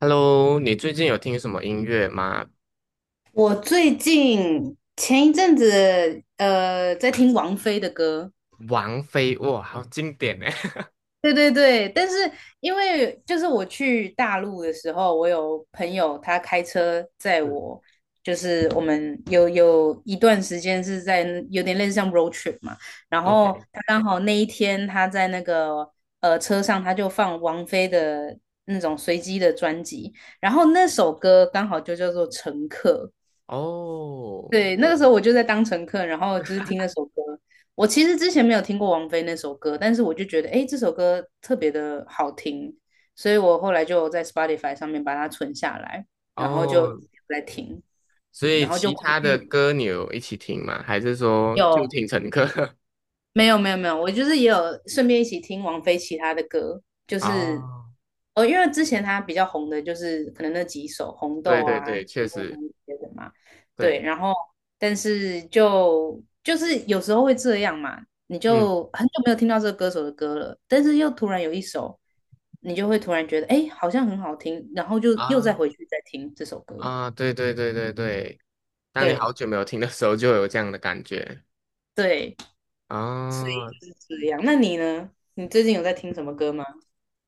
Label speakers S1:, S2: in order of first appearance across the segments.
S1: Hello，你最近有听什么音乐吗？
S2: 我最近前一阵子在听王菲的歌。
S1: 王菲，哇，好经典呢。
S2: 对对对，但是因为就是我去大陆的时候，我有朋友他开车载
S1: 是
S2: 我，就是我们有一段时间是在有点类似像 road trip 嘛，然后
S1: OK，
S2: 他刚好那一天他在那个车上他就放王菲的那种随机的专辑，然后那首歌刚好就叫做《乘客》。
S1: 哦
S2: 对，那个时候我就在当乘客，然后就是听那首歌。我其实之前没有听过王菲那首歌，但是我就觉得，哎，这首歌特别的好听，所以我后来就在 Spotify 上面把它存下来，然后就
S1: 哦，
S2: 一直在听，
S1: 所以
S2: 然后就
S1: 其
S2: 回
S1: 他的
S2: 去
S1: 歌你有一起听吗？还是说就
S2: 有。
S1: 听陈歌？
S2: 没有没有没有，我就是也有顺便一起听王菲其他的歌。就 是
S1: 哦，
S2: 哦，因为之前她比较红的就是可能那几首《红
S1: 对
S2: 豆》
S1: 对
S2: 啊、
S1: 对，
S2: 《雪
S1: 确
S2: 梦红》
S1: 实，
S2: 这些的嘛。对，
S1: 对，
S2: 然后但是就是有时候会这样嘛，你
S1: 嗯
S2: 就很久没有听到这个歌手的歌了，但是又突然有一首，你就会突然觉得哎，诶好像很好听，然后就又再
S1: 啊
S2: 回去再听这首歌。
S1: 啊，对对对对对，当你
S2: 对
S1: 好久没有听的时候，就有这样的感觉
S2: 对，
S1: 啊。
S2: 所以
S1: 哦
S2: 就是这样。那你呢？你最近有在听什么歌吗？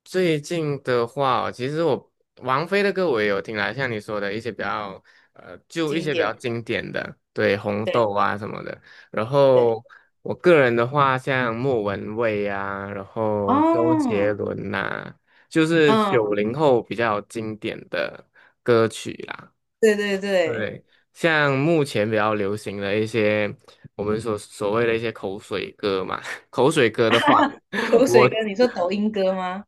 S1: 最近的话哦其实我王菲的歌我也有听啦，像你说的一些比较就一
S2: 经
S1: 些比较
S2: 典。
S1: 经典的，对，《红
S2: 对。
S1: 豆》啊什么的。然
S2: 对。
S1: 后我个人的话，像莫文蔚啊，然后周杰
S2: 哦。
S1: 伦呐、就是
S2: 嗯。
S1: 90后比较经典的歌曲啦。
S2: 对对对。
S1: 对，像目前比较流行的一些我们所谓的一些口水歌嘛，口水歌的话。
S2: 口
S1: 我。
S2: 水歌，你说抖音歌吗？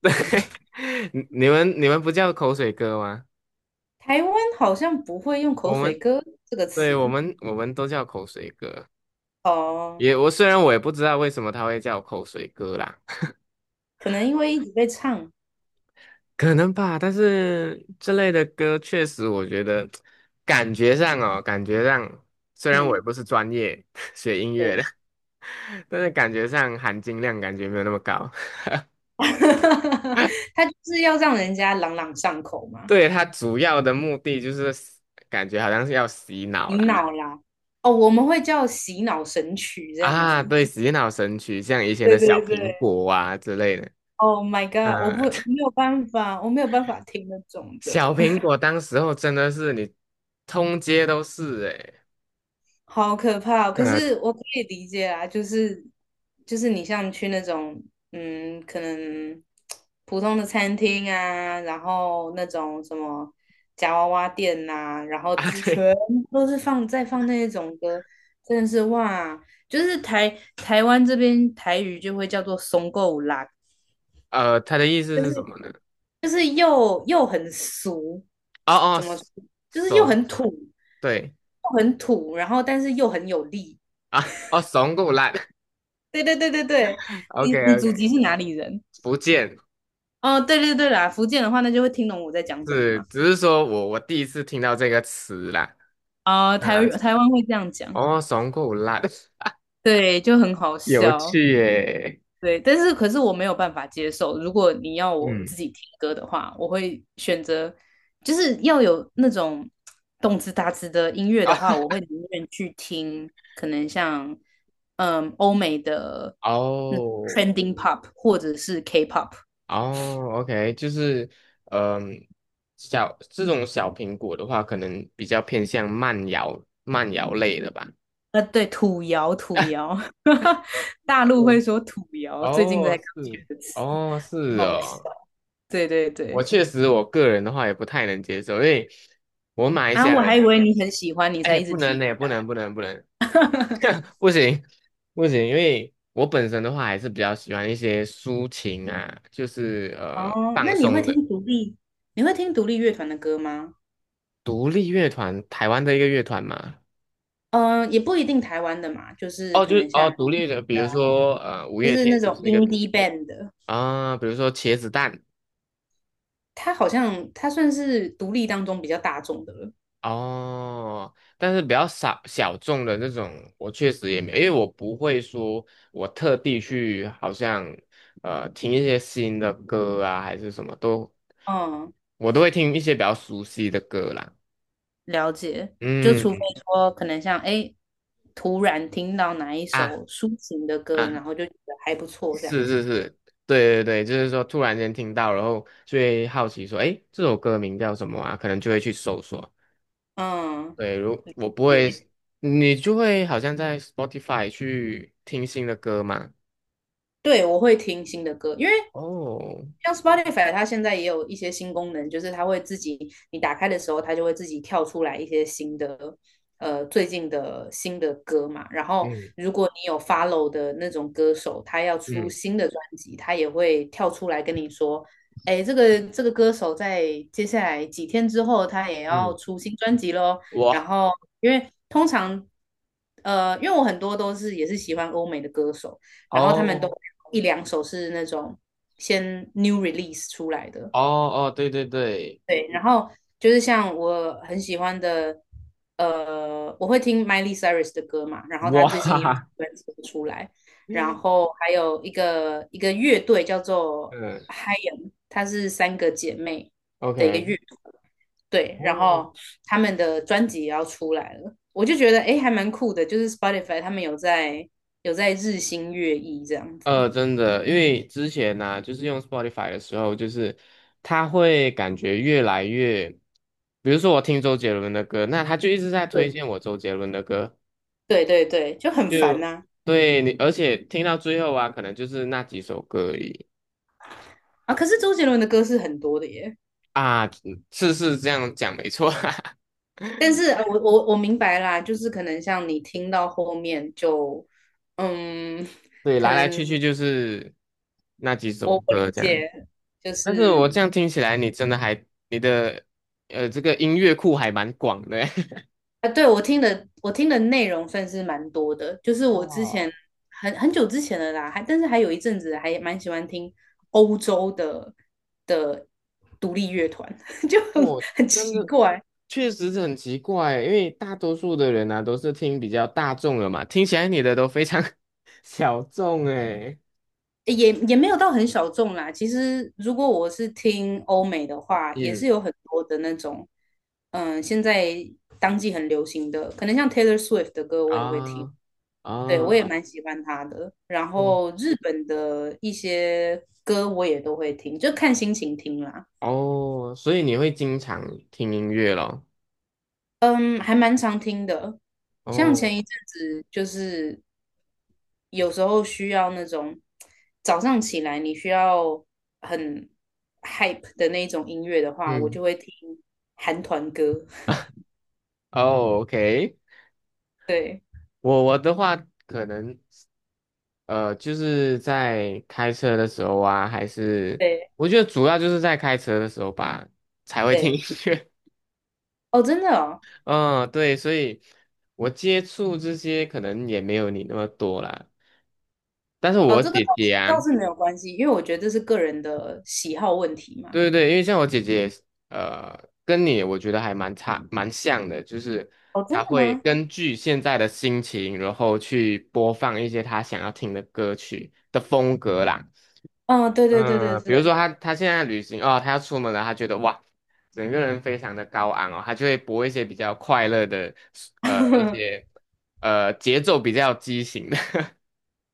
S1: 你们不叫口水歌吗？
S2: 台湾好像不会用口
S1: 我
S2: 水
S1: 们
S2: 歌这个
S1: 对我
S2: 词。
S1: 们我们都叫口水歌。
S2: 哦，
S1: 虽然我也不知道为什么他会叫口水歌啦，
S2: 可能因为一直被唱。
S1: 可能吧。但是这类的歌确实，我觉得感觉上虽然我也
S2: 嗯，
S1: 不是专业 学音乐的，
S2: 对。
S1: 但是感觉上含金量感觉没有那么高。
S2: 他就是要让人家朗朗上口嘛。
S1: 对，它主要的目的就是感觉好像是要洗脑
S2: 洗脑
S1: 啦。
S2: 啦，哦，我们会叫洗脑神曲这样
S1: 啊，
S2: 子。
S1: 对，洗脑神曲，像以前的
S2: 对
S1: 小
S2: 对
S1: 苹
S2: 对
S1: 果啊之类的。
S2: ，Oh my God,
S1: 呃，
S2: 我 没有办法，我没有办法听那种的。
S1: 小苹果当时候真的是你通街都是诶、
S2: 好可怕哦，可
S1: 呃
S2: 是 我可以理解啊。就是就是你像去那种嗯，可能普通的餐厅啊，然后那种什么夹娃娃店呐、然后
S1: 啊
S2: 之
S1: 对，
S2: 全部都是放在放那一种歌，真的是哇！就是台湾这边台语就会叫做松够啦。
S1: 他的意思
S2: 就
S1: 是什
S2: 是
S1: 么呢？
S2: 就是又很俗。
S1: 哦哦，
S2: 怎么说？就是又
S1: 怂，
S2: 很土，又
S1: 对
S2: 很土，然后但是又很有力。
S1: 啊，哦怂够烂
S2: 对对对对对，
S1: ，OK
S2: 你你
S1: OK，
S2: 祖籍是哪里人？
S1: 福建
S2: 哦，对对对啦，福建的话，那就会听懂我在讲什么
S1: 是，
S2: 嘛。
S1: 只是说我第一次听到这个词啦，
S2: 啊、
S1: 啊、
S2: 台湾会这样讲。
S1: 哦怂够烂，
S2: 对，就很好
S1: 有
S2: 笑。
S1: 趣耶、
S2: 对，但是可是我没有办法接受。如果你要我
S1: 嗯
S2: 自己听歌的话，我会选择，就是要有那种动次打次的音乐
S1: 啊
S2: 的话，我会宁愿去听，可能像嗯欧美的 那
S1: 哦
S2: trending pop 或者是 K-pop。
S1: 哦，OK，就是，嗯、这种小苹果的话，可能比较偏向慢摇慢摇类的吧。
S2: 对，土窑，土 窑。大陆会
S1: 对，
S2: 说土窑，最近
S1: 哦，
S2: 在刚学
S1: 是，
S2: 的词，
S1: 哦，是
S2: 很好笑。
S1: 哦，
S2: 对对
S1: 我
S2: 对。
S1: 确实，我个人的话也不太能接受，因为我马来西
S2: 啊，
S1: 亚
S2: 我
S1: 人
S2: 还
S1: 呢，
S2: 以为你很喜欢，你才
S1: 哎，
S2: 一直
S1: 不能
S2: 提。
S1: 呢，不能，不能，不能，不行，不行，因为我本身的话还是比较喜欢一些抒情啊，就是
S2: 哦，那
S1: 放
S2: 你会
S1: 松
S2: 听
S1: 的
S2: 独立，你会听独立乐团的歌吗？
S1: 独立乐团，台湾的一个乐团嘛，
S2: 嗯、也不一定台湾的嘛，就是
S1: 哦，
S2: 可
S1: 就是
S2: 能
S1: 哦，
S2: 像
S1: 独
S2: 日
S1: 立
S2: 本
S1: 的，比
S2: 的
S1: 如
S2: 啊，
S1: 说五
S2: 就
S1: 月
S2: 是那
S1: 天就
S2: 种
S1: 是那个独
S2: indie
S1: 立
S2: band 的，
S1: 啊，比如说茄子蛋
S2: 它好像它算是独立当中比较大众的了。
S1: 哦，但是比较少小众的那种，我确实也没有，因为我不会说我特地去好像听一些新的歌啊，还是什么都，
S2: 嗯，
S1: 我都会听一些比较熟悉的歌啦。
S2: 了解，就除非
S1: 嗯
S2: 说可能像哎，诶突然听到哪一
S1: 啊
S2: 首抒情的歌，
S1: 啊，
S2: 然后就觉得还不错这
S1: 是
S2: 样子。
S1: 是是，对对对，就是说突然间听到，然后就会好奇说，诶，这首歌名叫什么啊？可能就会去搜索。
S2: 嗯，
S1: 对，如我不会，
S2: 对。
S1: 你就会好像在 Spotify 去听新的歌嘛。
S2: 对，我会听新的歌，因为
S1: 哦，
S2: 像 Spotify 它现在也有一些新功能，就是它会自己，你打开的时候，它就会自己跳出来一些新的，最近的新的歌嘛。然后
S1: 嗯
S2: 如果你有 follow 的那种歌手，他要出
S1: 嗯
S2: 新的专辑，他也会跳出来跟你说，哎，这个歌手在接下来几天之后，他也要
S1: 嗯，
S2: 出新专辑喽。然
S1: 我
S2: 后因为通常，因为我很多都是也是喜欢欧美的歌手。然后他们都
S1: 哦
S2: 一两首是那种先 new release 出来的。
S1: 哦哦，对对对，
S2: 对，然后就是像我很喜欢的，我会听 Miley Cyrus 的歌嘛，然后他
S1: 哇，
S2: 最近
S1: 哈
S2: 也有
S1: 哈，
S2: 专辑出来，然后还有一个乐队叫做
S1: 嗯
S2: h y e m, 她是三个姐妹的一个乐
S1: ，OK，
S2: 团。对，然
S1: 哦，
S2: 后他们的专辑也要出来了，我就觉得诶还蛮酷的，就是 Spotify 他们有在日新月异这样子。
S1: 真的，因为之前呢、就是用 Spotify 的时候，就是它会感觉越来越，比如说我听周杰伦的歌，那他就一直在推
S2: 对。
S1: 荐我周杰伦的歌。
S2: 对对对，就很烦
S1: 就
S2: 呐、啊。
S1: 对你，而且听到最后啊，可能就是那几首歌而已
S2: 啊可是周杰伦的歌是很多的耶，
S1: 啊，次是这样讲没错啊，
S2: 但是我明白啦，就是可能像你听到后面就，嗯，
S1: 对，
S2: 可
S1: 来来
S2: 能
S1: 去去就是那几
S2: 我
S1: 首
S2: 我
S1: 歌
S2: 理
S1: 这样。
S2: 解，就
S1: 但是我
S2: 是
S1: 这样听起来，你真的还你的这个音乐库还蛮广的欸。
S2: 啊，对我听的，我听的内容算是蛮多的，就是 我之前
S1: 哇，
S2: 很很久之前的啦，还但是还有一阵子还蛮喜欢听欧洲的的独立乐团，就
S1: 我
S2: 很
S1: 真
S2: 奇
S1: 的
S2: 怪，
S1: 确实是很奇怪，因为大多数的人呢都是听比较大众的嘛，听起来你的都非常 小众哎。
S2: 也没有到很小众啦。其实如果我是听欧美的话，也是
S1: 嗯
S2: 有很多的那种。嗯，现在当季很流行的，可能像 Taylor Swift 的歌我也会听。
S1: 啊
S2: 对，我也
S1: 啊，
S2: 蛮喜欢他的。然
S1: 哇
S2: 后日本的一些歌我也都会听，就看心情听啦。
S1: 哦，所以你会经常听音乐咯？
S2: 嗯，还蛮常听的。
S1: 嗯
S2: 像前
S1: 哦，
S2: 一阵子就是有时候需要那种早上起来你需要很 hype 的那种音乐的话，我
S1: 嗯，
S2: 就会听韩团歌。
S1: 哦，OK，
S2: 对
S1: 我的话可能就是在开车的时候啊，还是
S2: 对
S1: 我觉得主要就是在开车的时候吧才会听
S2: 对。
S1: 音乐。
S2: 哦，真的哦。
S1: 嗯，对，所以我接触这些可能也没有你那么多啦。但是
S2: 哦，
S1: 我
S2: 这个
S1: 姐姐
S2: 倒
S1: 啊。
S2: 是没有关系，因为我觉得这是个人的喜好问题嘛。
S1: 对对对，因为像我姐姐也是呃，跟你我觉得还蛮像的，就是
S2: 哦，真
S1: 她
S2: 的
S1: 会
S2: 吗？
S1: 根据现在的心情，然后去播放一些她想要听的歌曲的风格啦。
S2: 嗯，对对对对
S1: 嗯，比如说
S2: 对，
S1: 她现在旅行哦，她要出门了，她觉得哇，整个人非常的高昂哦，她就会播一些比较快乐的，一些 节奏比较畸形的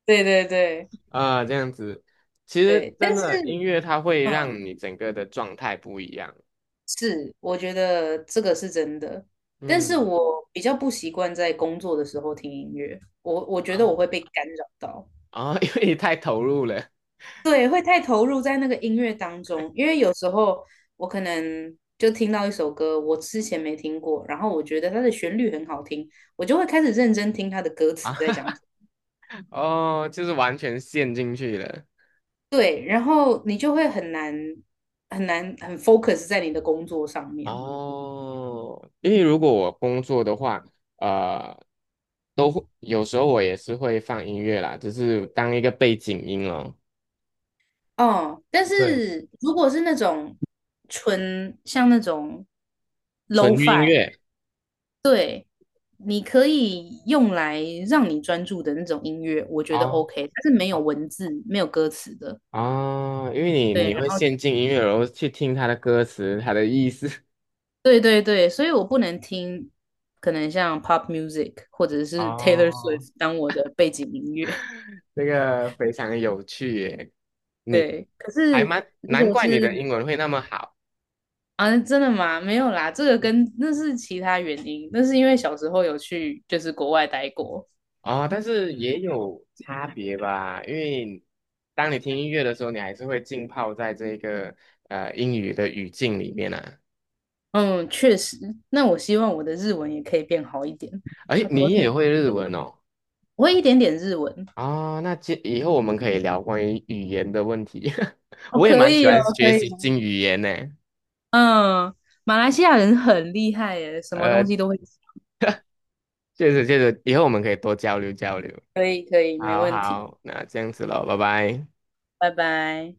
S2: 对对对
S1: 啊、这样子。其实
S2: 对，但
S1: 真
S2: 是。
S1: 的音乐它会
S2: 嗯。
S1: 让你整个的状态不一样。
S2: 是，我觉得这个是真的，但是
S1: 嗯。
S2: 我比较不习惯在工作的时候听音乐，我觉得我
S1: 啊。
S2: 会被干扰到。
S1: 啊、因为你太投入了，
S2: 对，会太投入在那个音乐当 中，
S1: 对，
S2: 因为有时候我可能就听到一首歌，我之前没听过，然后我觉得它的旋律很好听，我就会开始认真听它的歌词在
S1: 啊。
S2: 讲什么。
S1: 哦，就是完全陷进去了。
S2: 对，然后你就会很难很难很 focus 在你的工作上面。
S1: 哦，因为如果我工作的话，呃，都会有时候我也是会放音乐啦，只是当一个背景音哦，
S2: 哦，但
S1: 对，
S2: 是如果是那种纯像那种
S1: 纯音
S2: lo-fi，w
S1: 乐
S2: 对，你可以用来让你专注的那种音乐，我觉得
S1: 啊
S2: OK,它是没有
S1: 啊
S2: 文字、没有歌词的。
S1: 啊，因为你
S2: 对，
S1: 你
S2: 然
S1: 会
S2: 后
S1: 陷进音乐，然后去听它的歌词、它的意思。
S2: 对对对，所以我不能听可能像 pop music 或者 是 Taylor
S1: 哦，
S2: Swift 当我的背景音乐。
S1: 这个非常有趣耶，你
S2: 对，可
S1: 还
S2: 是
S1: 蛮
S2: 如
S1: 难
S2: 果
S1: 怪你
S2: 是
S1: 的英文会那么好。
S2: 啊，真的吗？没有啦，这个跟那是其他原因，那是因为小时候有去就是国外待过。
S1: 啊，但是也有差别吧，因为当你听音乐的时候，你还是会浸泡在这个英语的语境里面啊。
S2: 嗯，确实。那我希望我的日文也可以变好一点，
S1: 哎，
S2: 要多
S1: 你
S2: 听，
S1: 也会日文哦？
S2: 我会一点点日文。
S1: 啊、那接以后我们可以聊关于语言的问题。
S2: 哦，
S1: 我也
S2: 可
S1: 蛮喜
S2: 以哦，
S1: 欢学
S2: 可以
S1: 习
S2: 哦。
S1: 新语言呢。
S2: 嗯，马来西亚人很厉害耶，什么东
S1: 呃，
S2: 西都会。
S1: 确实确实，以后我们可以多交流交流。
S2: 可以，可以，没
S1: 好
S2: 问题。
S1: 好，那这样子喽，拜拜。
S2: 拜拜。